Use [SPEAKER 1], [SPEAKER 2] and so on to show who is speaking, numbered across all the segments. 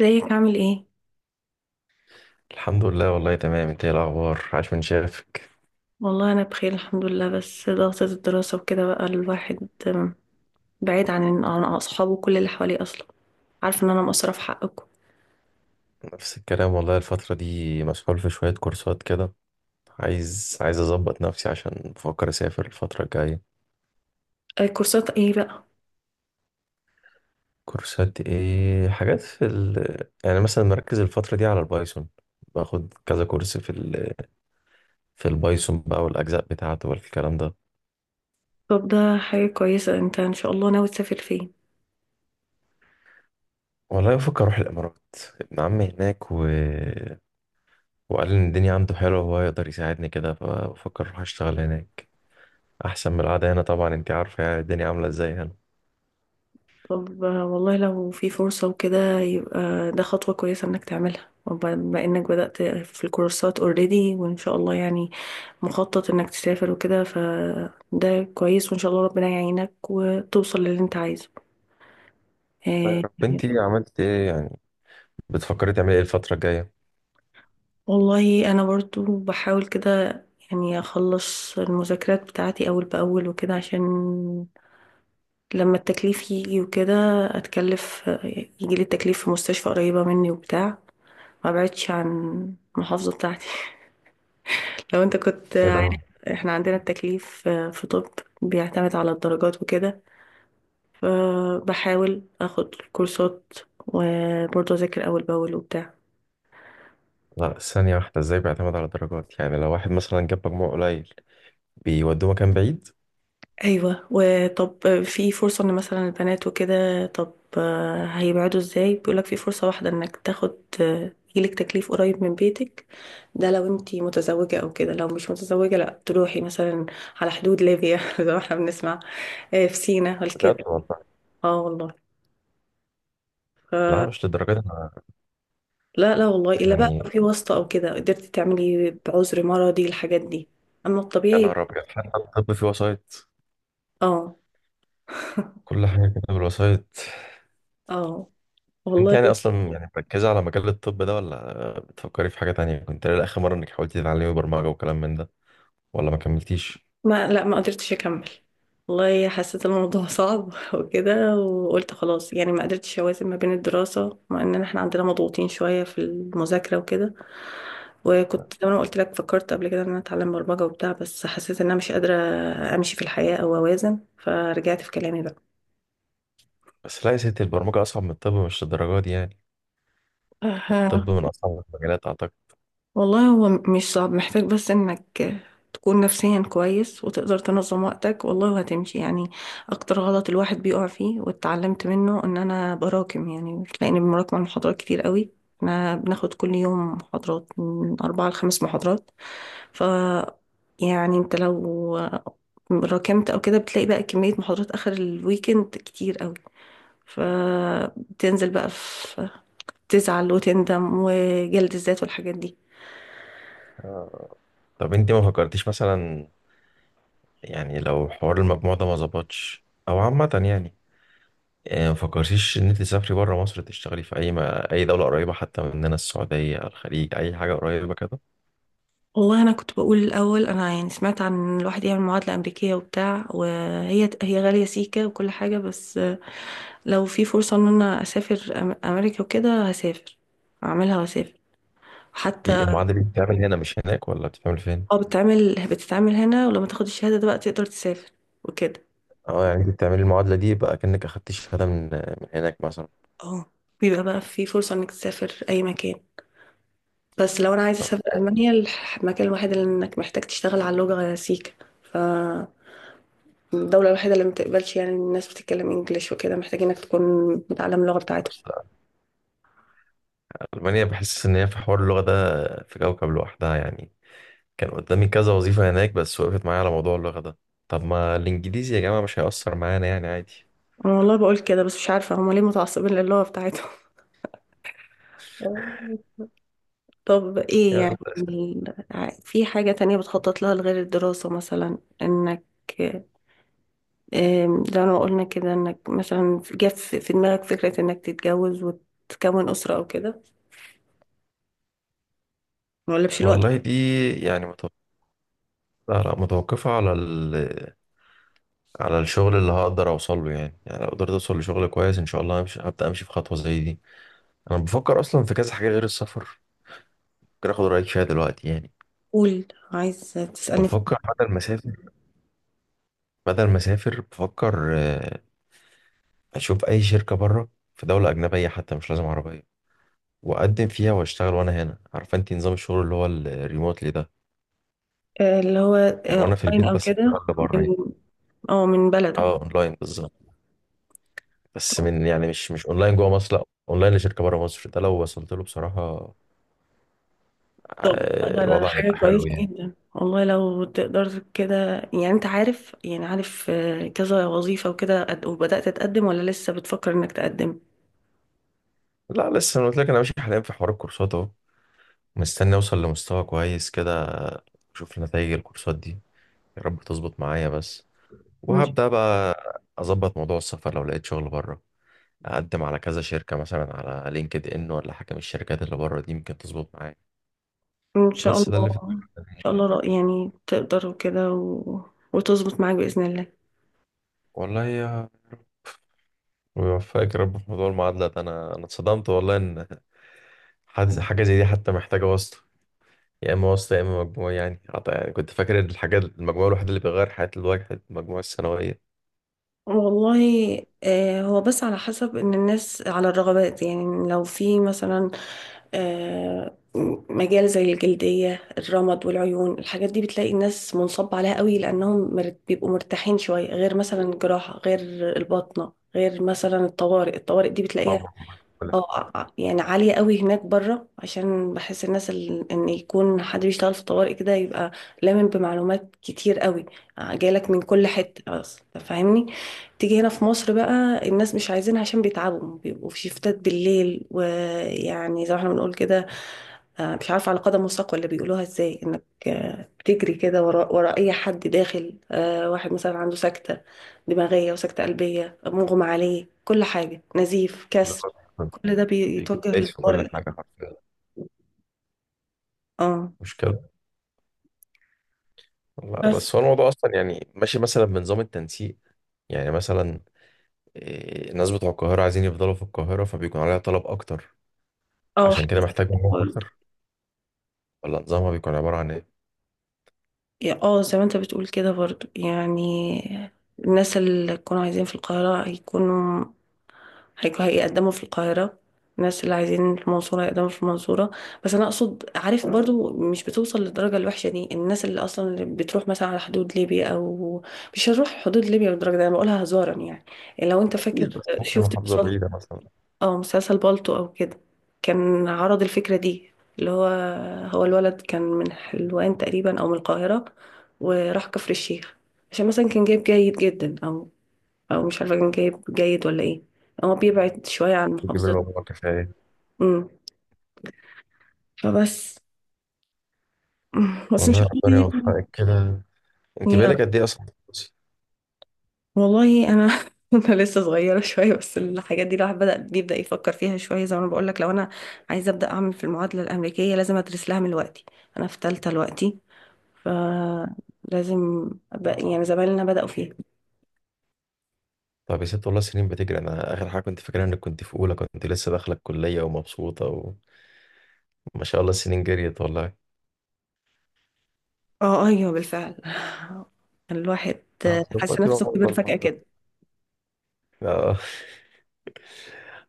[SPEAKER 1] ازيك، عامل ايه؟
[SPEAKER 2] الحمد لله، والله تمام. انت ايه الاخبار؟ عاش من شافك.
[SPEAKER 1] والله انا بخير الحمد لله، بس ضغطة الدراسة وكده بقى الواحد بعيد عن اصحابه، كل اللي حواليه اصلا. عارفه ان انا مقصرة في حقكم.
[SPEAKER 2] نفس الكلام والله، الفترة دي مسحول في شوية كورسات كده. عايز اظبط نفسي، عشان بفكر اسافر الفترة الجاية.
[SPEAKER 1] أي كورسات ايه بقى؟
[SPEAKER 2] كورسات ايه؟ حاجات يعني مثلا مركز الفترة دي على البايثون، باخد كذا كورس في البايثون بقى، والاجزاء بتاعته والكلام ده.
[SPEAKER 1] طب ده حاجة كويسة، انت ان شاء الله ناوي تسافر فين؟
[SPEAKER 2] والله بفكر اروح الامارات. ابن عمي هناك، وقال ان الدنيا عنده حلوة وهو يقدر يساعدني كده، فبفكر اروح اشتغل هناك، احسن من القعده هنا. طبعا انت عارفه يعني الدنيا عامله ازاي هنا.
[SPEAKER 1] طب والله لو في فرصة وكده، يبقى ده خطوة كويسة انك تعملها، وبما انك بدأت في الكورسات اوريدي وان شاء الله يعني مخطط انك تسافر وكده، فده كويس، وان شاء الله ربنا يعينك وتوصل للي انت عايزه.
[SPEAKER 2] الله يا
[SPEAKER 1] آه،
[SPEAKER 2] رب. انت عملت ايه يعني؟ بتفكري تعملي ايه الفتره الجايه؟
[SPEAKER 1] والله انا برضو بحاول كده، يعني اخلص المذاكرات بتاعتي اول باول وكده، عشان لما التكليف يجي وكده اتكلف، يجي لي التكليف في مستشفى قريبة مني وبتاع، ما بعدش عن المحافظة بتاعتي. لو انت كنت
[SPEAKER 2] ايه ده؟
[SPEAKER 1] عارف، احنا عندنا التكليف في طب بيعتمد على الدرجات وكده، فبحاول اخد كورسات وبرضه اذاكر اول باول وبتاع.
[SPEAKER 2] لا، ثانيه واحده، ازاي بيعتمد على الدرجات؟ يعني لو واحد مثلا جاب مجموع قليل بيودوه مكان بعيد؟
[SPEAKER 1] ايوه، وطب في فرصة ان مثلا البنات وكده، طب هيبعدوا ازاي؟ بيقولك في فرصة واحدة انك تاخد يجيلك تكليف قريب من بيتك، ده لو انتي متزوجة او كده. لو مش متزوجة لا تروحي مثلا على حدود ليبيا زي ما احنا بنسمع، آه، في سينا
[SPEAKER 2] بجد
[SPEAKER 1] وكده.
[SPEAKER 2] والله؟
[SPEAKER 1] اه والله.
[SPEAKER 2] لا، مش للدرجات انا
[SPEAKER 1] لا لا، والله الا بقى
[SPEAKER 2] يعني.
[SPEAKER 1] لو في واسطة او كده، قدرتي تعملي بعذر مرضي الحاجات دي، اما
[SPEAKER 2] يا
[SPEAKER 1] الطبيعي.
[SPEAKER 2] نهار ابيض، حتى الطب فيه وسايط؟
[SPEAKER 1] اه.
[SPEAKER 2] كل حاجه كده بالوسايط.
[SPEAKER 1] اه
[SPEAKER 2] انت
[SPEAKER 1] والله.
[SPEAKER 2] يعني اصلا يعني مركزه على مجال الطب ده، ولا بتفكري في حاجه تانية؟ كنت، لا اخر مره، انك حاولتي تتعلمي برمجه وكلام من ده، ولا ما كملتيش؟
[SPEAKER 1] ما لا، ما قدرتش اكمل. والله حسيت الموضوع صعب وكده، وقلت خلاص يعني، ما قدرتش اوازن ما بين الدراسة، مع ان احنا عندنا مضغوطين شوية في المذاكرة وكده. وكنت زي ما أنا قلت لك فكرت قبل كده ان انا اتعلم برمجة وبتاع، بس حسيت ان انا مش قادرة امشي في الحياة او اوازن، فرجعت في كلامي.
[SPEAKER 2] بس لا يا ستي، البرمجه اصعب من الطب، مش للدرجات دي يعني.
[SPEAKER 1] بقى
[SPEAKER 2] الطب من أصعب المجالات أعتقد.
[SPEAKER 1] والله هو مش صعب، محتاج بس انك تكون نفسيا كويس، وتقدر تنظم وقتك والله وهتمشي يعني. اكتر غلط الواحد بيقع فيه واتعلمت منه، ان انا براكم يعني، تلاقيني بمراكم على محاضرات كتير قوي. احنا بناخد كل يوم محاضرات، من اربعة لخمس محاضرات، ف يعني انت لو راكمت او كده، بتلاقي بقى كمية محاضرات اخر الويكند كتير قوي، فبتنزل بقى في، تزعل وتندم وجلد الذات والحاجات دي.
[SPEAKER 2] آه. طب أنت ما فكرتيش مثلا، يعني لو حوار المجموع ده ما ظبطش أو عامة يعني، ما فكرتيش إن أنت تسافري بره مصر، تشتغلي في أي ما... أي دولة قريبة حتى مننا، السعودية، الخليج، أي حاجة قريبة كده؟
[SPEAKER 1] والله انا كنت بقول الاول، انا يعني سمعت عن إن الواحد يعمل معادله امريكيه وبتاع، وهي غاليه سيكه وكل حاجه، بس لو في فرصه ان انا اسافر امريكا وكده هسافر، اعملها واسافر
[SPEAKER 2] دي
[SPEAKER 1] حتى.
[SPEAKER 2] المعادلة دي بتتعمل هنا مش هناك، ولا بتتعمل فين؟
[SPEAKER 1] اه بتتعمل هنا، ولما تاخد الشهاده ده بقى تقدر تسافر وكده.
[SPEAKER 2] أه، يعني أنت بتعملي المعادلة دي بقى كأنك أخدتي شهادة من هناك مثلا؟
[SPEAKER 1] اه، بيبقى بقى في فرصه انك تسافر اي مكان، بس لو انا عايزه
[SPEAKER 2] طب،
[SPEAKER 1] اسافر المانيا، المكان الوحيد اللي انك محتاج تشتغل على اللغه سيكه، ف الدولة الوحيدة اللي ما بتقبلش يعني إن الناس بتتكلم انجليش وكده، محتاجينك تكون متعلم اللغة بتاعتهم.
[SPEAKER 2] أصل ألمانيا بحس إن هي في حوار اللغة ده في كوكب لوحدها يعني. كان قدامي كذا وظيفة هناك، بس وقفت معايا على موضوع اللغة ده. طب ما الإنجليزي يا جماعة مش هيأثر معانا يعني، عادي.
[SPEAKER 1] انا والله بقول كده، بس مش عارفة هما ليه متعصبين للغة بتاعتهم. طب ايه
[SPEAKER 2] يلا.
[SPEAKER 1] يعني؟ في حاجة تانية بتخطط لها لغير الدراسة؟ مثلا انك، زي ما قلنا كده، انك مثلا جت في دماغك فكرة انك تتجوز وتكون أسرة او كده، ما اقولكش الوقت.
[SPEAKER 2] والله دي يعني متوقفة على الشغل اللي هقدر أوصل له يعني لو قدرت أوصل لشغل كويس إن شاء الله همشي، هبدأ أمشي في خطوة زي دي. أنا بفكر أصلا في كذا حاجة غير السفر، ممكن آخد رأيك فيها دلوقتي يعني.
[SPEAKER 1] قول، عايز تسألني
[SPEAKER 2] بفكر بدل ما أسافر بفكر أشوف أي شركة بره، في دولة أجنبية حتى مش لازم عربية، واقدم فيها واشتغل وانا هنا. عارفه انت نظام الشغل اللي هو الريموتلي ده،
[SPEAKER 1] آه، اللي هو
[SPEAKER 2] من
[SPEAKER 1] آه،
[SPEAKER 2] وانا في
[SPEAKER 1] اونلاين
[SPEAKER 2] البيت
[SPEAKER 1] او
[SPEAKER 2] بس
[SPEAKER 1] كده،
[SPEAKER 2] اشتغل بره يعني.
[SPEAKER 1] من، اه، من بلدك.
[SPEAKER 2] اه، اونلاين بالظبط. بس من يعني، مش اونلاين جوه مصر، لا، اونلاين لشركه بره مصر. ده لو وصلت له بصراحه،
[SPEAKER 1] طب ده ده
[SPEAKER 2] الوضع هيبقى
[SPEAKER 1] حاجة كويسة
[SPEAKER 2] حلو يعني.
[SPEAKER 1] جدا والله لو تقدر كده. يعني انت عارف يعني، عارف كذا وظيفة وكده، وبدأت تقدم ولا لسه بتفكر انك تقدم؟
[SPEAKER 2] لا، لسه. انا قلت لك انا ماشي حاليا في حوار الكورسات اهو، مستني اوصل لمستوى كويس كده، اشوف نتائج الكورسات دي، يا رب تظبط معايا بس،
[SPEAKER 1] ان ش-
[SPEAKER 2] وهبدا بقى اظبط موضوع السفر لو لقيت شغل بره، اقدم على كذا شركه مثلا على لينكد ان ولا حاجه من الشركات اللي بره دي، ممكن تظبط معايا.
[SPEAKER 1] إن شاء
[SPEAKER 2] بس ده
[SPEAKER 1] الله،
[SPEAKER 2] اللي في
[SPEAKER 1] ان
[SPEAKER 2] دماغك تمام
[SPEAKER 1] شاء
[SPEAKER 2] يعني.
[SPEAKER 1] الله يعني تقدر وكده وتظبط معاك بإذن الله.
[SPEAKER 2] والله يا ويوفقك يا رب في موضوع المعادله ده. انا اتصدمت والله ان حاجة زي دي حتى محتاجه واسطه. يا اما واسطه يا اما مجموعه يعني، يعني كنت فاكر ان الحاجات المجموعه الوحيده اللي بيغير حياه الواحد المجموعه الثانويه.
[SPEAKER 1] والله هو بس على حسب ان الناس على الرغبات، يعني لو في مثلا آه، مجال زي الجلدية، الرمد والعيون، الحاجات دي بتلاقي الناس منصب عليها قوي، لانهم بيبقوا مرتاحين شوية، غير مثلا الجراحة، غير الباطنة، غير مثلا الطوارئ. الطوارئ دي بتلاقيها،
[SPEAKER 2] طبعا. كل
[SPEAKER 1] اه، يعني عالية قوي هناك بره، عشان بحس الناس ان يكون حد بيشتغل في طوارئ كده، يبقى لامن بمعلومات كتير قوي، جايلك من كل حتة اصلا فاهمني. تيجي هنا في مصر بقى، الناس مش عايزينها، عشان بيتعبوا، بيبقوا في شيفتات بالليل، ويعني زي ما احنا بنقول كده، مش عارفة، على قدم وساق ولا بيقولوها ازاي، انك بتجري كده وراء اي حد داخل، واحد مثلا عنده سكتة دماغية وسكتة قلبية، مغمى عليه، كل حاجة، نزيف، كسر،
[SPEAKER 2] حاجة.
[SPEAKER 1] كل ده
[SPEAKER 2] كنت
[SPEAKER 1] بيتوجه
[SPEAKER 2] دايس في كل
[SPEAKER 1] للطارئ.
[SPEAKER 2] حاجه حرفيا.
[SPEAKER 1] اه
[SPEAKER 2] مشكله. لا،
[SPEAKER 1] بس.
[SPEAKER 2] بس هو الموضوع اصلا يعني ماشي مثلا بنظام التنسيق. يعني مثلا، الناس بتوع القاهرة عايزين يفضلوا في القاهرة، فبيكون عليها طلب أكتر،
[SPEAKER 1] اه،
[SPEAKER 2] عشان
[SPEAKER 1] حاجة
[SPEAKER 2] كده
[SPEAKER 1] زي
[SPEAKER 2] محتاج
[SPEAKER 1] كده
[SPEAKER 2] مجموع
[SPEAKER 1] برضه.
[SPEAKER 2] أكتر. ولا نظامها بيكون عبارة عن إيه؟
[SPEAKER 1] اه زي ما انت بتقول كده برضو يعني، الناس اللي يكونوا عايزين في القاهرة يكونوا هيقدموا في القاهرة، الناس اللي عايزين في المنصورة هيقدموا في المنصورة. بس أنا أقصد، عارف برضو مش بتوصل للدرجة الوحشة دي، الناس اللي أصلا اللي بتروح مثلا على حدود ليبيا، أو مش هنروح حدود ليبيا بالدرجة دي، أنا بقولها هزارا يعني، لو أنت فاكر
[SPEAKER 2] أكيد، بس ممكن
[SPEAKER 1] شفت
[SPEAKER 2] محافظة
[SPEAKER 1] بصل-
[SPEAKER 2] بعيدة مثلا
[SPEAKER 1] أو مسلسل بالطو أو كده، كان عرض الفكرة دي، اللي هو، هو الولد كان من حلوان تقريبا أو من القاهرة، وراح كفر الشيخ، عشان مثلا كان جايب جيد جدا، أو او مش عارفه كان جايب جيد ولا ايه، هو بيبعد شويه عن
[SPEAKER 2] تجيب
[SPEAKER 1] محافظته.
[SPEAKER 2] المجموع كفاية.
[SPEAKER 1] امم فبس بس ان
[SPEAKER 2] والله
[SPEAKER 1] شاء الله
[SPEAKER 2] ربنا
[SPEAKER 1] يعني،
[SPEAKER 2] يوفقك كده. أنت
[SPEAKER 1] يا
[SPEAKER 2] بقالك
[SPEAKER 1] رب.
[SPEAKER 2] قد إيه أصلا بتدرسي؟
[SPEAKER 1] والله انا انا لسه صغيره شويه، بس الحاجات دي الواحد بدا بيبدا يفكر فيها شويه، زي ما انا بقول لك، لو انا عايزه ابدا اعمل في المعادله الامريكيه، لازم ادرس لها من دلوقتي. انا في ثالثه دلوقتي، فلازم أبقى، يعني زمايلنا بداوا فيها.
[SPEAKER 2] طب يا ست، والله سنين بتجري. أنا آخر حاجة كنت فاكرها إنك كنت في أولى، كنت لسه داخلة الكلية ومبسوطة، وما شاء الله السنين جريت والله.
[SPEAKER 1] اه ايوه بالفعل، الواحد
[SPEAKER 2] طب
[SPEAKER 1] حاسس
[SPEAKER 2] دلوقتي بقى
[SPEAKER 1] نفسه كبر
[SPEAKER 2] أفضل
[SPEAKER 1] فجاه
[SPEAKER 2] مرة.
[SPEAKER 1] كده.
[SPEAKER 2] آه.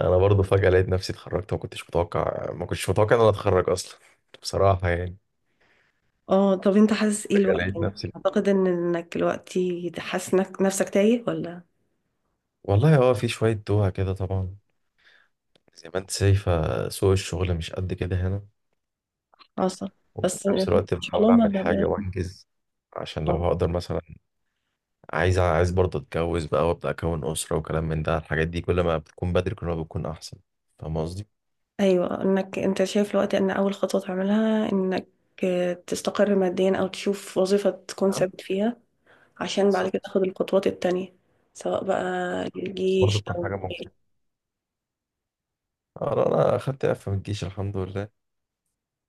[SPEAKER 2] أنا برضه فجأة لقيت نفسي اتخرجت. ما كنتش متوقع إن أنا أتخرج أصلا بصراحة يعني.
[SPEAKER 1] اه، طب انت حاسس ايه
[SPEAKER 2] فجأة
[SPEAKER 1] الوقت
[SPEAKER 2] لقيت
[SPEAKER 1] يعني؟
[SPEAKER 2] نفسي.
[SPEAKER 1] اعتقد ان انك دلوقتي حاسس انك نفسك تايه ولا
[SPEAKER 2] والله هو في شوية دوها كده طبعا، زي ما انت شايفة، سوق الشغل مش قد كده هنا.
[SPEAKER 1] عصب؟
[SPEAKER 2] وفي
[SPEAKER 1] بس ان
[SPEAKER 2] نفس الوقت
[SPEAKER 1] شاء
[SPEAKER 2] بحاول
[SPEAKER 1] الله
[SPEAKER 2] أعمل حاجة وأنجز، عشان لو
[SPEAKER 1] آه.
[SPEAKER 2] هقدر مثلا، عايز برضه أتجوز بقى وأبدأ أكون أسرة وكلام من ده. الحاجات دي كل ما بتكون بدري كل ما بتكون أحسن. فاهم قصدي؟
[SPEAKER 1] ايوه، انك انت شايف الوقت ان اول خطوه تعملها، انك تستقر ماديا، او تشوف وظيفه تكون
[SPEAKER 2] آه،
[SPEAKER 1] ثابت فيها، عشان بعد كده
[SPEAKER 2] بالظبط.
[SPEAKER 1] تاخد الخطوات التانية، سواء بقى
[SPEAKER 2] بالظبط. بس برضه
[SPEAKER 1] الجيش
[SPEAKER 2] تكون
[SPEAKER 1] او
[SPEAKER 2] حاجة
[SPEAKER 1] غيره.
[SPEAKER 2] ممكن. أنا أخدت إعفاء من الجيش الحمد لله.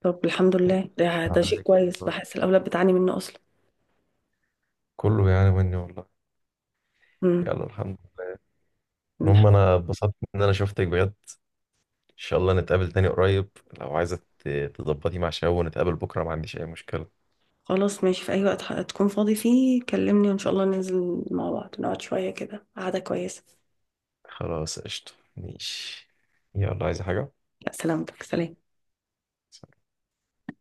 [SPEAKER 1] طب الحمد لله، ده ده شيء
[SPEAKER 2] آه،
[SPEAKER 1] كويس، بحس الاولاد بتعاني منه اصلا.
[SPEAKER 2] كله يعني مني والله.
[SPEAKER 1] امم.
[SPEAKER 2] يلا الحمد لله. المهم، أنا اتبسطت إن أنا شفتك بجد. شاء الله نتقابل تاني قريب. لو عايزة تظبطي مع شباب ونتقابل بكرة، ما عنديش أي مشكلة.
[SPEAKER 1] خلاص ماشي، في أي وقت تكون فاضي فيه كلمني، وإن شاء الله ننزل مع بعض نقعد شوية كده قعدة كويسة.
[SPEAKER 2] خلاص، قشطة، ماشي. يلا، عايزة حاجة؟
[SPEAKER 1] لا، سلامتك، سلام.